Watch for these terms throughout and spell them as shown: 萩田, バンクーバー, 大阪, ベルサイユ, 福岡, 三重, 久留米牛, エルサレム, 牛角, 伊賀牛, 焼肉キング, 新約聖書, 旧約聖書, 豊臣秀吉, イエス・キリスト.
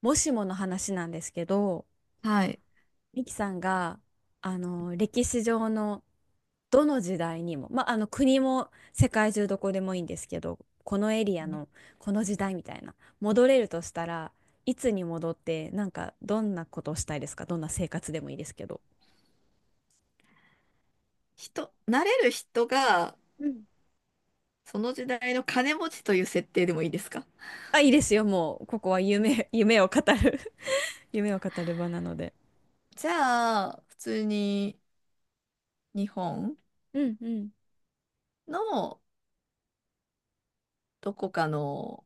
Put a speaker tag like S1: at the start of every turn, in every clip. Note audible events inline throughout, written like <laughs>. S1: もしもの話なんですけど、
S2: はい。
S1: ミキさんが、歴史上のどの時代にも、国も世界中どこでもいいんですけど、このエリア
S2: うん。
S1: のこの時代みたいな、戻れるとしたらいつに戻って、なんかどんなことをしたいですか？どんな生活でもいいですけど。
S2: なれる人が、
S1: うん。
S2: その時代の金持ちという設定でもいいですか？
S1: あ、いいですよ。もう、ここは夢を語る <laughs> 夢を語る場なので。
S2: じゃあ、普通に日本
S1: うんうん。
S2: のどこかの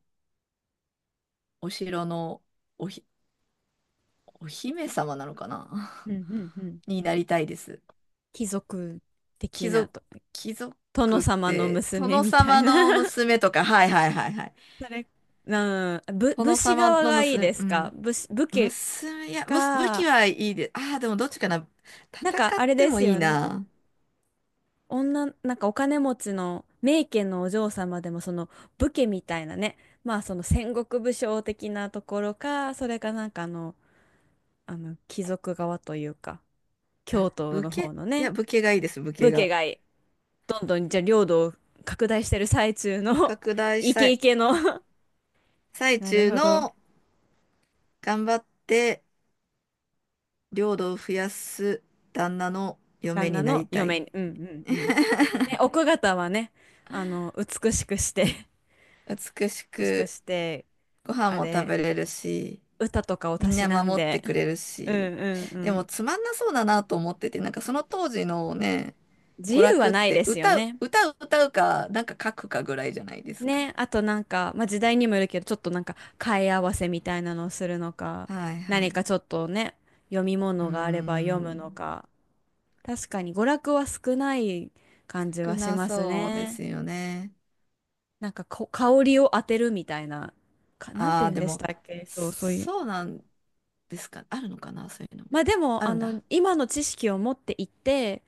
S2: お城のおひ、お姫様なのかな。
S1: うんうんうん。
S2: <laughs> になりたいです。
S1: 貴族的
S2: 貴
S1: な
S2: 族、
S1: と、
S2: 貴族
S1: 殿
S2: っ
S1: 様の
S2: て、
S1: 娘
S2: 殿
S1: みたい
S2: 様
S1: な
S2: の
S1: <laughs>
S2: 娘とか、はいはいはいはい。
S1: それ、う武
S2: 殿
S1: 士
S2: 様
S1: 側
S2: の
S1: がいい
S2: 娘、
S1: で
S2: う
S1: すか？
S2: ん、
S1: 武士、武家
S2: 娘、いや、武器
S1: か、
S2: はいいで、ああ、でもどっちかな。
S1: なん
S2: 戦
S1: か
S2: っ
S1: あれ
S2: て
S1: で
S2: も
S1: す
S2: いい
S1: よね。
S2: な。
S1: なんかお金持ちの名家のお嬢様でもその武家みたいなね、まあその戦国武将的なところか、それか、なんか貴族側というか、京都
S2: 武
S1: の
S2: 家、
S1: 方
S2: い
S1: のね、
S2: や、武家がいいです、武家
S1: 武家
S2: が。
S1: がいい。どんどんじゃあ領土を拡大してる最中の
S2: 拡
S1: <laughs>
S2: 大し
S1: イ
S2: た
S1: ケイ
S2: い。
S1: ケの <laughs>
S2: 最
S1: なる
S2: 中
S1: ほど。
S2: の、頑張って領土を増やす旦那の嫁
S1: 旦那
S2: にな
S1: の
S2: りたい。
S1: 嫁に。うんうんうん。ね、奥方はね、あの、美しくして、
S2: 美し
S1: <laughs> 美しく
S2: く、
S1: して、
S2: ご飯
S1: あ
S2: も食べ
S1: れ、
S2: れるし、
S1: 歌とかを
S2: み
S1: た
S2: ん
S1: し
S2: な
S1: なん
S2: 守って
S1: で、
S2: くれる
S1: うんう
S2: し。
S1: んう
S2: でも
S1: ん。
S2: つまんなそうだなと思ってて、なんかその当時のね、
S1: 自
S2: 娯
S1: 由は
S2: 楽っ
S1: ないで
S2: て
S1: すよ
S2: 歌う、
S1: ね。
S2: 歌う、歌うか、なんか書くかぐらいじゃないですか。
S1: ね、あとなんか、まあ、時代にもよるけど、ちょっとなんか、替え合わせみたいなのをするのか、
S2: はいは
S1: 何か
S2: い。
S1: ちょっとね、読み
S2: うー
S1: 物があれば読むの
S2: ん。
S1: か、確かに娯楽は少ない感じ
S2: 少
S1: はし
S2: な
S1: ます
S2: そうで
S1: ね。
S2: すよね。
S1: なんか、香りを当てるみたいな、なんて
S2: ああ、
S1: 言うん
S2: で
S1: でし
S2: も、
S1: たっけ？そう、そういう。
S2: そうなんですか。あるのかな、そういうのも。
S1: まあでも、
S2: あ
S1: あ
S2: るん
S1: の、
S2: だ。
S1: 今の知識を持っていって、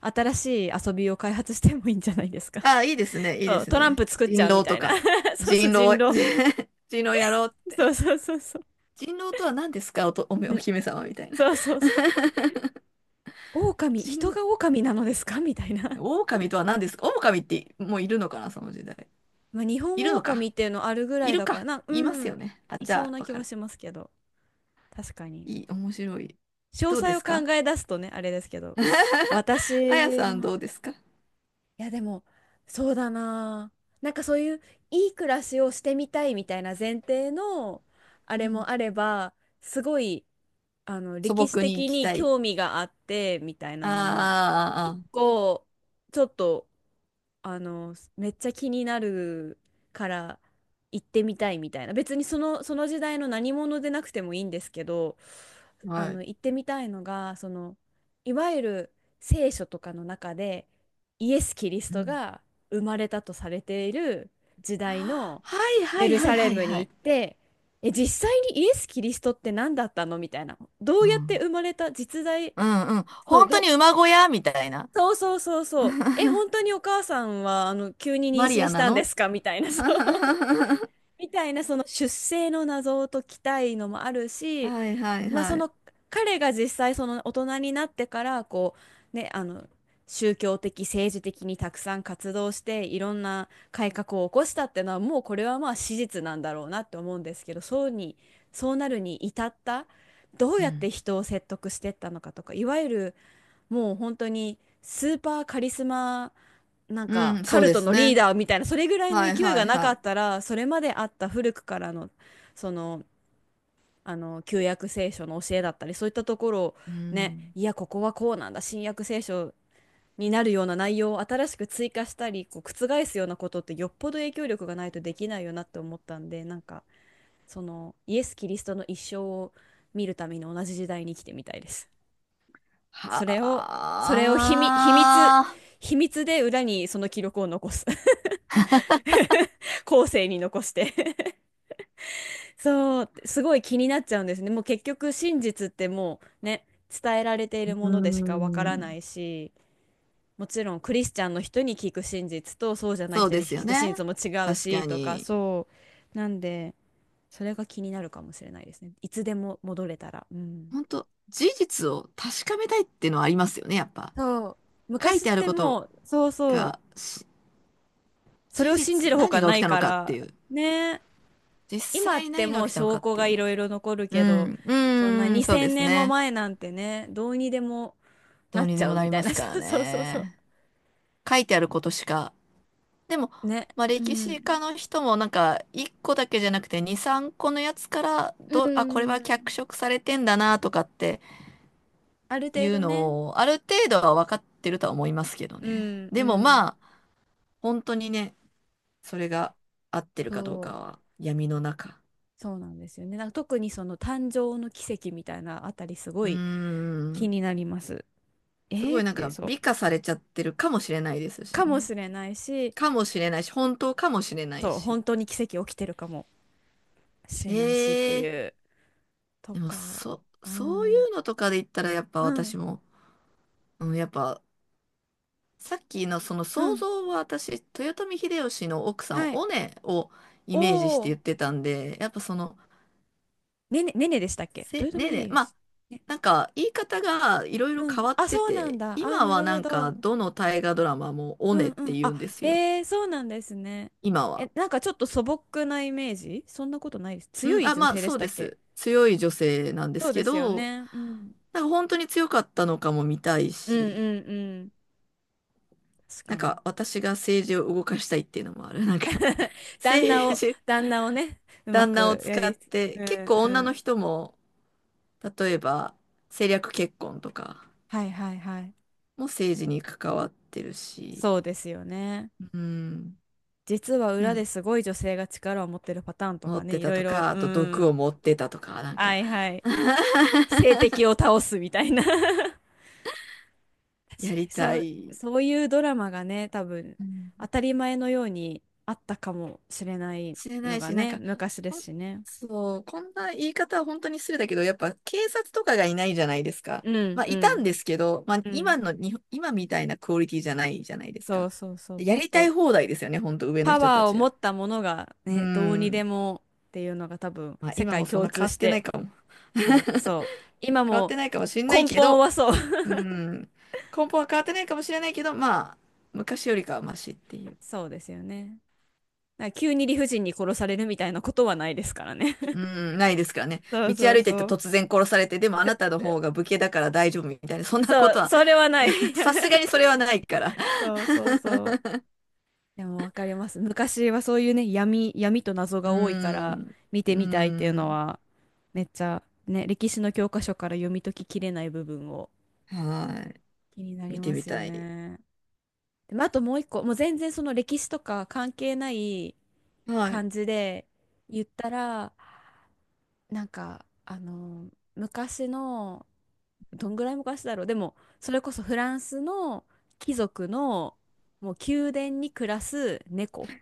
S1: 新しい遊びを開発してもいいんじゃないですか？
S2: ああー、いいですね、
S1: <laughs>
S2: いい
S1: そ
S2: で
S1: う、
S2: す
S1: トラン
S2: ね。
S1: プ作っち
S2: 人
S1: ゃうみ
S2: 狼
S1: た
S2: と
S1: いな。
S2: か。
S1: <laughs> そうそう、
S2: 人
S1: 人
S2: 狼、
S1: 狼。
S2: <laughs> 人狼やろうっ
S1: そう
S2: て。
S1: そうそうそう。
S2: 人狼とは何ですか、おと、おめ、お
S1: ね
S2: 姫様みたいな。
S1: そうそうそう。狼、人
S2: 人、
S1: が狼なのですかみたいな。
S2: 狼とは何ですか。狼ってもういるのかな、その時代。
S1: まあ、日本
S2: いるの
S1: 狼
S2: か。
S1: っていうのあるぐら
S2: い
S1: い
S2: る
S1: だから
S2: か。
S1: な、
S2: い
S1: う
S2: ますよ
S1: ん、
S2: ね。あ、
S1: い
S2: じ
S1: そう
S2: ゃあ、
S1: な
S2: わ
S1: 気
S2: か
S1: は
S2: る。
S1: しますけど。確かに。
S2: いい、面白い。
S1: 詳
S2: どうで
S1: 細を
S2: すか？
S1: 考え出すとね、あれですけど。
S2: <laughs> あや
S1: 私
S2: さん、
S1: も、
S2: どうですか？
S1: いやでもそうだなあ、なんかそういういい暮らしをしてみたいみたいな前提のあ
S2: う
S1: れ
S2: ん、
S1: もあれば、すごい
S2: 素
S1: 歴史
S2: 朴に行
S1: 的
S2: き
S1: に
S2: たい。
S1: 興味があってみたいなのも一
S2: あ
S1: 個ちょっとめっちゃ気になるから行ってみたいみたいな、別にその時代の何者でなくてもいいんですけど、
S2: ーあー、あーあー、は
S1: 行っ
S2: い。
S1: てみたいのがそのいわゆる聖書とかの中でイエス・キリス
S2: う
S1: ト
S2: ん。
S1: が生まれたとされている時代の
S2: はいは
S1: エ
S2: い
S1: ル
S2: は
S1: サ
S2: い
S1: レ
S2: はい
S1: ム
S2: は
S1: に行
S2: い。
S1: って、え、実際にイエス・キリストって何だったのみたいな、ど
S2: う
S1: うやって
S2: ん。
S1: 生まれた実在、
S2: うんうん。
S1: そう
S2: 本当
S1: ど
S2: に馬小屋みたいな。
S1: そうそうそうそう。え、
S2: <laughs>
S1: 本当にお母さんは、急に妊
S2: マリ
S1: 娠
S2: ア
S1: し
S2: な
S1: たんで
S2: の
S1: すか <laughs> みた
S2: <laughs>
S1: いな、そう。
S2: は
S1: <laughs> みたいな、その出生の謎を解きたいのもある
S2: い
S1: し、
S2: はい
S1: まあ、そ
S2: はい。
S1: の、彼が実際、その大人になってから、う、ね、あの、宗教的、政治的にたくさん活動して、いろんな改革を起こしたっていうのは、もうこれはまあ史実なんだろうなって思うんですけど、そうに、そうなるに至った、どう
S2: う
S1: やっ
S2: ん。
S1: て人を説得してったのかとか、いわゆる、もう本当にスーパーカリスマ、なんか
S2: うん、
S1: カ
S2: そう
S1: ル
S2: で
S1: ト
S2: す
S1: のリー
S2: ね。
S1: ダーみたいな、それぐらいの
S2: はい
S1: 勢い
S2: は
S1: が
S2: い
S1: なか
S2: はい。
S1: ったら、それまであった古くからの、その旧約聖書の教えだったりそういったところを、
S2: う
S1: ね、
S2: ん。
S1: いやここはこうなんだ、新約聖書になるような内容を新しく追加したり、こう覆すようなことってよっぽど影響力がないとできないよなって思ったんで、なんかそのイエス・キリストの一生を見るために同じ時代に生きてみたいです。それを、
S2: は
S1: それを秘密、秘密、
S2: あ。
S1: 秘密で裏にその記録を残す。<laughs> 後世に残して <laughs> そう、すごい気になっちゃうんですね。もう結局真実ってもうね、伝えられてい
S2: う
S1: るものでしかわか
S2: ん。
S1: らないし、もちろんクリスチャンの人に聞く真実とそうじゃない
S2: そう
S1: 人
S2: で
S1: に
S2: すよ
S1: 聞く
S2: ね。
S1: 真実も違う
S2: 確
S1: し
S2: か
S1: とか、
S2: に。
S1: そう。なんで、それが気になるかもしれないですね。いつでも戻れたら。うん。
S2: 本当、事実を確かめたいっていうのはありますよね、やっぱ。
S1: そう。
S2: 書い
S1: 昔っ
S2: てある
S1: て
S2: こと
S1: もう、そうそう、
S2: が、
S1: それ
S2: 事
S1: を信じ
S2: 実、
S1: るほ
S2: 何
S1: か
S2: が
S1: な
S2: 起き
S1: い
S2: たの
S1: か
S2: かって
S1: ら、
S2: いう。
S1: ねえ。
S2: 実
S1: 今っ
S2: 際
S1: て
S2: 何
S1: も
S2: が
S1: う
S2: 起きたの
S1: 証
S2: かっ
S1: 拠
S2: てい
S1: が
S2: う
S1: い
S2: のは。
S1: ろいろ残る
S2: う
S1: けど、
S2: ん、う
S1: そんな
S2: ーん、そうで
S1: 2000
S2: す
S1: 年も
S2: ね。
S1: 前なんてね、どうにでも
S2: ど
S1: な
S2: う
S1: っ
S2: に
S1: ち
S2: で
S1: ゃ
S2: も
S1: う
S2: な
S1: み
S2: り
S1: たい
S2: ま
S1: な、<laughs>
S2: すから
S1: そうそうそうそう。
S2: ね。書いてあることしか。でも、
S1: ね。
S2: まあ、
S1: う
S2: 歴史
S1: ん。
S2: 家の人もなんか、1個だけじゃなくて2、3個のやつから、
S1: う
S2: これは脚
S1: ん。
S2: 色されてんだなとかって
S1: ある
S2: い
S1: 程
S2: う
S1: 度ね。
S2: のを、ある程度は分かってるとは思いますけど
S1: う
S2: ね。
S1: ん、う
S2: でも
S1: ん。
S2: まあ、本当にね、それが合ってるかどうか
S1: そ
S2: は闇の中。
S1: う、そうなんですよね。なんか特にその誕生の奇跡みたいなあたりす
S2: う
S1: ご
S2: ー
S1: い気
S2: ん、
S1: になります。
S2: す
S1: え
S2: ご
S1: ー
S2: い
S1: っ
S2: なん
S1: て、
S2: か
S1: そう。
S2: 美化されちゃってるかもしれないですし
S1: かも
S2: ね。
S1: しれないし、
S2: かもしれないし、本当かもしれない
S1: そう、
S2: し。
S1: 本当に奇跡起きてるかもしれないしってい
S2: ええ、
S1: う。と
S2: でも、
S1: か、う
S2: そうい
S1: ん、
S2: うのとかで言ったら、やっぱ
S1: うん、
S2: 私も、うん、やっぱ、さっきのその
S1: う
S2: 想
S1: ん、
S2: 像は私、豊臣秀吉の奥さん、
S1: はい。
S2: おねを
S1: お
S2: イメージして
S1: お、
S2: 言ってたんで、やっぱその、
S1: ねね、ねねでしたっけ？豊臣
S2: ね
S1: 秀
S2: ね、ま
S1: 吉。
S2: あ、
S1: ね、
S2: なんか、言い方がいろいろ
S1: うん。
S2: 変わっ
S1: あ、
S2: て
S1: そうなん
S2: て、
S1: だ。あ、
S2: 今
S1: な
S2: は
S1: る
S2: な
S1: ほ
S2: んか、
S1: ど。
S2: どの大河ドラマもお
S1: う
S2: ね
S1: ん
S2: っ
S1: う
S2: て
S1: ん。
S2: 言
S1: あ、
S2: うんですよ。
S1: へえ、そうなんですね。
S2: 今は。
S1: え、なんかちょっと素朴なイメージ、そんなことないです？強
S2: うん、
S1: い
S2: あ、
S1: 女
S2: まあ、
S1: 性で
S2: そ
S1: し
S2: う
S1: た
S2: で
S1: っけ？
S2: す。強い女性なんで
S1: そ
S2: す
S1: うで
S2: け
S1: すよ
S2: ど、
S1: ね。うん。
S2: なんか本当に強かったのかも見たい
S1: うん
S2: し、
S1: うんうん。確
S2: な
S1: か
S2: ん
S1: に。
S2: か私が政治を動かしたいっていうのもある。なんか <laughs>
S1: 旦那
S2: 政
S1: を、
S2: 治、
S1: 旦那をね、うま
S2: 旦那を
S1: くや
S2: 使っ
S1: り、
S2: て、
S1: う
S2: 結
S1: ん
S2: 構
S1: う
S2: 女の
S1: ん。
S2: 人も、例えば政略結婚とか
S1: はいはいはい。
S2: も政治に関わってるし、
S1: そうですよね。
S2: うん、
S1: 実は裏
S2: なん
S1: で
S2: か
S1: すごい女性が力を持ってるパターンと
S2: 持
S1: か
S2: っ
S1: ね、
S2: て
S1: い
S2: た
S1: ろい
S2: と
S1: ろ、
S2: か、あ
S1: う
S2: と毒を
S1: ん。
S2: 持ってたとか、なん
S1: は
S2: か
S1: いはい。性
S2: <laughs>
S1: 的を倒すみたいな <laughs> 確かに、
S2: やりた
S1: そう、
S2: い。
S1: そういうドラマがね、多分、
S2: う
S1: 当
S2: ん、
S1: たり前のようにあったかもしれない
S2: 知れな
S1: の
S2: い
S1: が
S2: し、なん
S1: ね、
S2: か、
S1: 昔で
S2: ほ
S1: す
S2: ん
S1: しね。
S2: そう、こんな言い方は本当に失礼だけど、やっぱ警察とかがいないじゃないですか。
S1: うん
S2: まあ、
S1: う
S2: いた
S1: ん。
S2: んですけど、まあ、
S1: う
S2: 今
S1: ん。
S2: の日本、今みたいなクオリティじゃないじゃないです
S1: そ
S2: か。
S1: うそうそう。
S2: や
S1: もっ
S2: りたい
S1: と
S2: 放題ですよね、本当上の
S1: パ
S2: 人
S1: ワ
S2: た
S1: ーを
S2: ち
S1: 持
S2: は。
S1: ったものが
S2: うー
S1: ね、どうにで
S2: ん。
S1: もっていうのが多分、
S2: まあ、
S1: 世
S2: 今も
S1: 界
S2: そん
S1: 共
S2: な
S1: 通
S2: 変わっ
S1: し
S2: てな
S1: て。
S2: いかも。
S1: そう
S2: <laughs>
S1: そう。今
S2: 変わっ
S1: も
S2: てないかもしんない
S1: 根
S2: け
S1: 本
S2: ど、
S1: はそう。
S2: うーん。根本は変わってないかもしれないけど、まあ、昔よりかはマシっていう。
S1: <laughs> そうですよね。なんか急に理不尽に殺されるみたいなことはないですからね。
S2: う
S1: <laughs>
S2: ん、ないですからね。
S1: そう
S2: 道
S1: そう
S2: 歩いて
S1: そ
S2: て
S1: う。
S2: 突然殺されて、でもあなたの方が武家だから大丈夫みたいな、そんなこ
S1: そ
S2: と
S1: う、
S2: は、
S1: それはない。
S2: <laughs> さすがにそれはないから。
S1: <laughs> そうそうそう。でもわかります。昔はそういうね、闇と謎
S2: う
S1: が多いから
S2: ん、
S1: 見て
S2: う
S1: みたいっていうの
S2: ん、
S1: は、めっちゃね、歴史の教科書から読み解ききれない部分を
S2: はい。
S1: 気になり
S2: 見て
S1: ま
S2: み
S1: すよ
S2: たい。
S1: ね。でもあともう一個、もう全然その歴史とか関係ない
S2: はい。
S1: 感じで言ったら、なんか、昔のどんぐらい昔だろう。でも、それこそフランスの貴族の、もう宮殿に暮らす猫。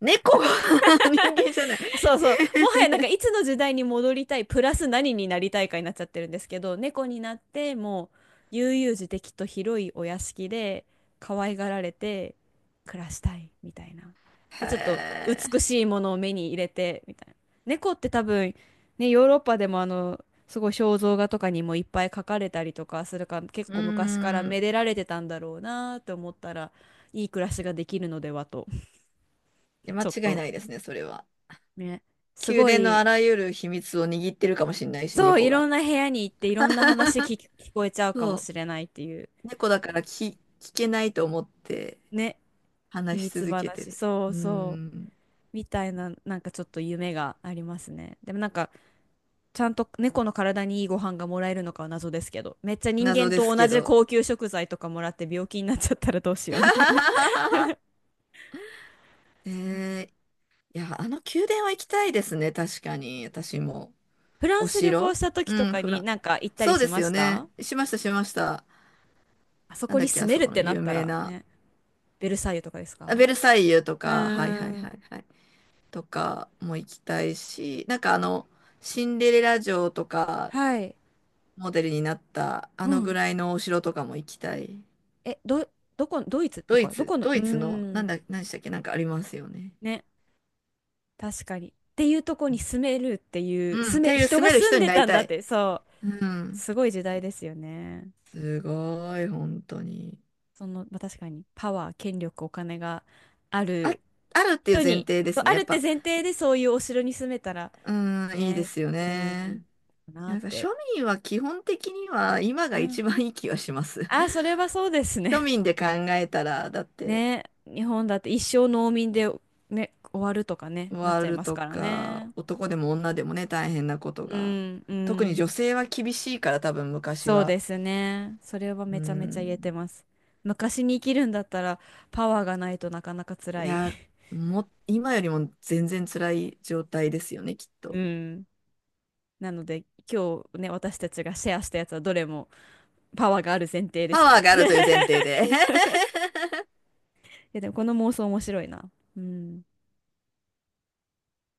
S2: 猫。 <laughs> 人間じゃない。
S1: そうそう。もはやなんかいつの時代に戻りたい、プラス何になりたいかになっちゃってるんですけど、猫になってもう悠々自適と広いお屋敷で可愛がられて暮らしたいみたいな。
S2: へ
S1: で、ちょっと美
S2: え。
S1: しいものを目に入れてみたいな。猫って多分ね、ヨーロッパでもすごい肖像画とかにもいっぱい描かれたりとかするから結
S2: うー
S1: 構昔から
S2: ん。
S1: めでられてたんだろうなと思ったら、いい暮らしができるのではと、
S2: いや、間
S1: ちょっ
S2: 違い
S1: と
S2: ないですね、それは。
S1: ね、す
S2: 宮
S1: ご
S2: 殿の
S1: い。
S2: あらゆる秘密を握ってるかもしれないし、
S1: そう、い
S2: 猫
S1: ろ
S2: が。
S1: んな部屋に行っていろんな話聞こえちゃうかも
S2: そう。
S1: しれないっていう
S2: 猫だから聞けないと思って
S1: ね、秘
S2: 話し
S1: 密
S2: 続けて
S1: 話、
S2: る。
S1: そ
S2: う
S1: う
S2: ー
S1: そう、
S2: ん。
S1: みたいな、なんかちょっと夢がありますね。でもなんか、ちゃんと猫の体にいいご飯がもらえるのかは謎ですけど、めっちゃ人
S2: 謎
S1: 間
S2: で
S1: と
S2: す
S1: 同
S2: け
S1: じ
S2: ど。
S1: 高級食材とかもらって病気になっちゃったらどうしようみたいな。
S2: <laughs> え
S1: そうなん、
S2: ー、いや、あの宮殿は行きたいですね。確かに。私も。
S1: フラン
S2: お
S1: ス旅行
S2: 城、
S1: した時と
S2: うん、
S1: か
S2: フラ
S1: に
S2: ン。
S1: なんか行ったり
S2: そう
S1: し
S2: で
S1: ま
S2: すよ
S1: し
S2: ね。
S1: た？
S2: しました、しました。
S1: あそ
S2: なん
S1: こ
S2: だ
S1: に
S2: っけ、あ
S1: 住め
S2: そ
S1: るっ
S2: この
S1: てな
S2: 有
S1: った
S2: 名
S1: ら
S2: な。
S1: ね、ベルサイユとかです
S2: あ、
S1: か？
S2: ベルサイユと
S1: う
S2: か、はいはい
S1: ー
S2: は
S1: ん、
S2: いはい。とかも行きたいし、なんか、シンデレラ城とか、
S1: はい。
S2: モデルになった、あ
S1: う
S2: のぐ
S1: ん、
S2: らいのお城とかも行きたい。
S1: え、ど、どこ、ドイツ
S2: ド
S1: と
S2: イ
S1: か、ど
S2: ツ、
S1: この、
S2: ド
S1: うー
S2: イツの、なん
S1: ん、
S2: だ、何でしたっけ、なんかありますよね。
S1: ね、確かに。っていうとこに住めるっていう、
S2: うん、
S1: 住
S2: っ
S1: め、
S2: ていう
S1: 人
S2: 住
S1: が
S2: める
S1: 住ん
S2: 人に
S1: で
S2: なり
S1: たん
S2: た
S1: だっ
S2: い。
S1: て、そう、
S2: うん。
S1: すごい時代ですよね。
S2: すごい、本当に。
S1: まあ、確かに、パワー、権力、お金があ
S2: あ、
S1: る
S2: あるっていう
S1: 人
S2: 前
S1: に、
S2: 提で
S1: そう、
S2: すね。
S1: あ
S2: や
S1: る
S2: っ
S1: って
S2: ぱ、
S1: 前提でそういうお城に住めたら、
S2: うん、いいで
S1: ね、
S2: すよ
S1: う
S2: ね。
S1: ん、な
S2: な
S1: っ
S2: んか庶
S1: て。
S2: 民は基本的には今が
S1: うん。
S2: 一番いい気がします。
S1: あ、そ
S2: <laughs>
S1: れはそうですね。
S2: 庶民で考えたら、だっ
S1: <laughs>
S2: て、
S1: ね、日本だって一生農民で、ね、終わるとかね、なっ
S2: ワ
S1: ち
S2: ー
S1: ゃい
S2: ル
S1: ます
S2: と
S1: から
S2: か、
S1: ね。
S2: 男でも女でもね、大変なこと
S1: う
S2: が。
S1: ん、う
S2: 特に
S1: ん。
S2: 女性は厳しいから、多分昔
S1: そう
S2: は。
S1: ですね。それは
S2: う
S1: めちゃめちゃ言えて
S2: ん。
S1: ます。昔に生きるんだったらパワーがないとなかなか
S2: い
S1: 辛い。
S2: や、今よりも全然辛い状態ですよね、きっ
S1: <laughs> う
S2: と。
S1: ん。なので今日ね、私たちがシェアしたやつはどれもパワーがある前提でし
S2: パ
S1: た
S2: ワー
S1: ね。
S2: が
S1: <laughs>
S2: あるという前提で。<laughs>
S1: いやでもこの妄想面白いな。うん。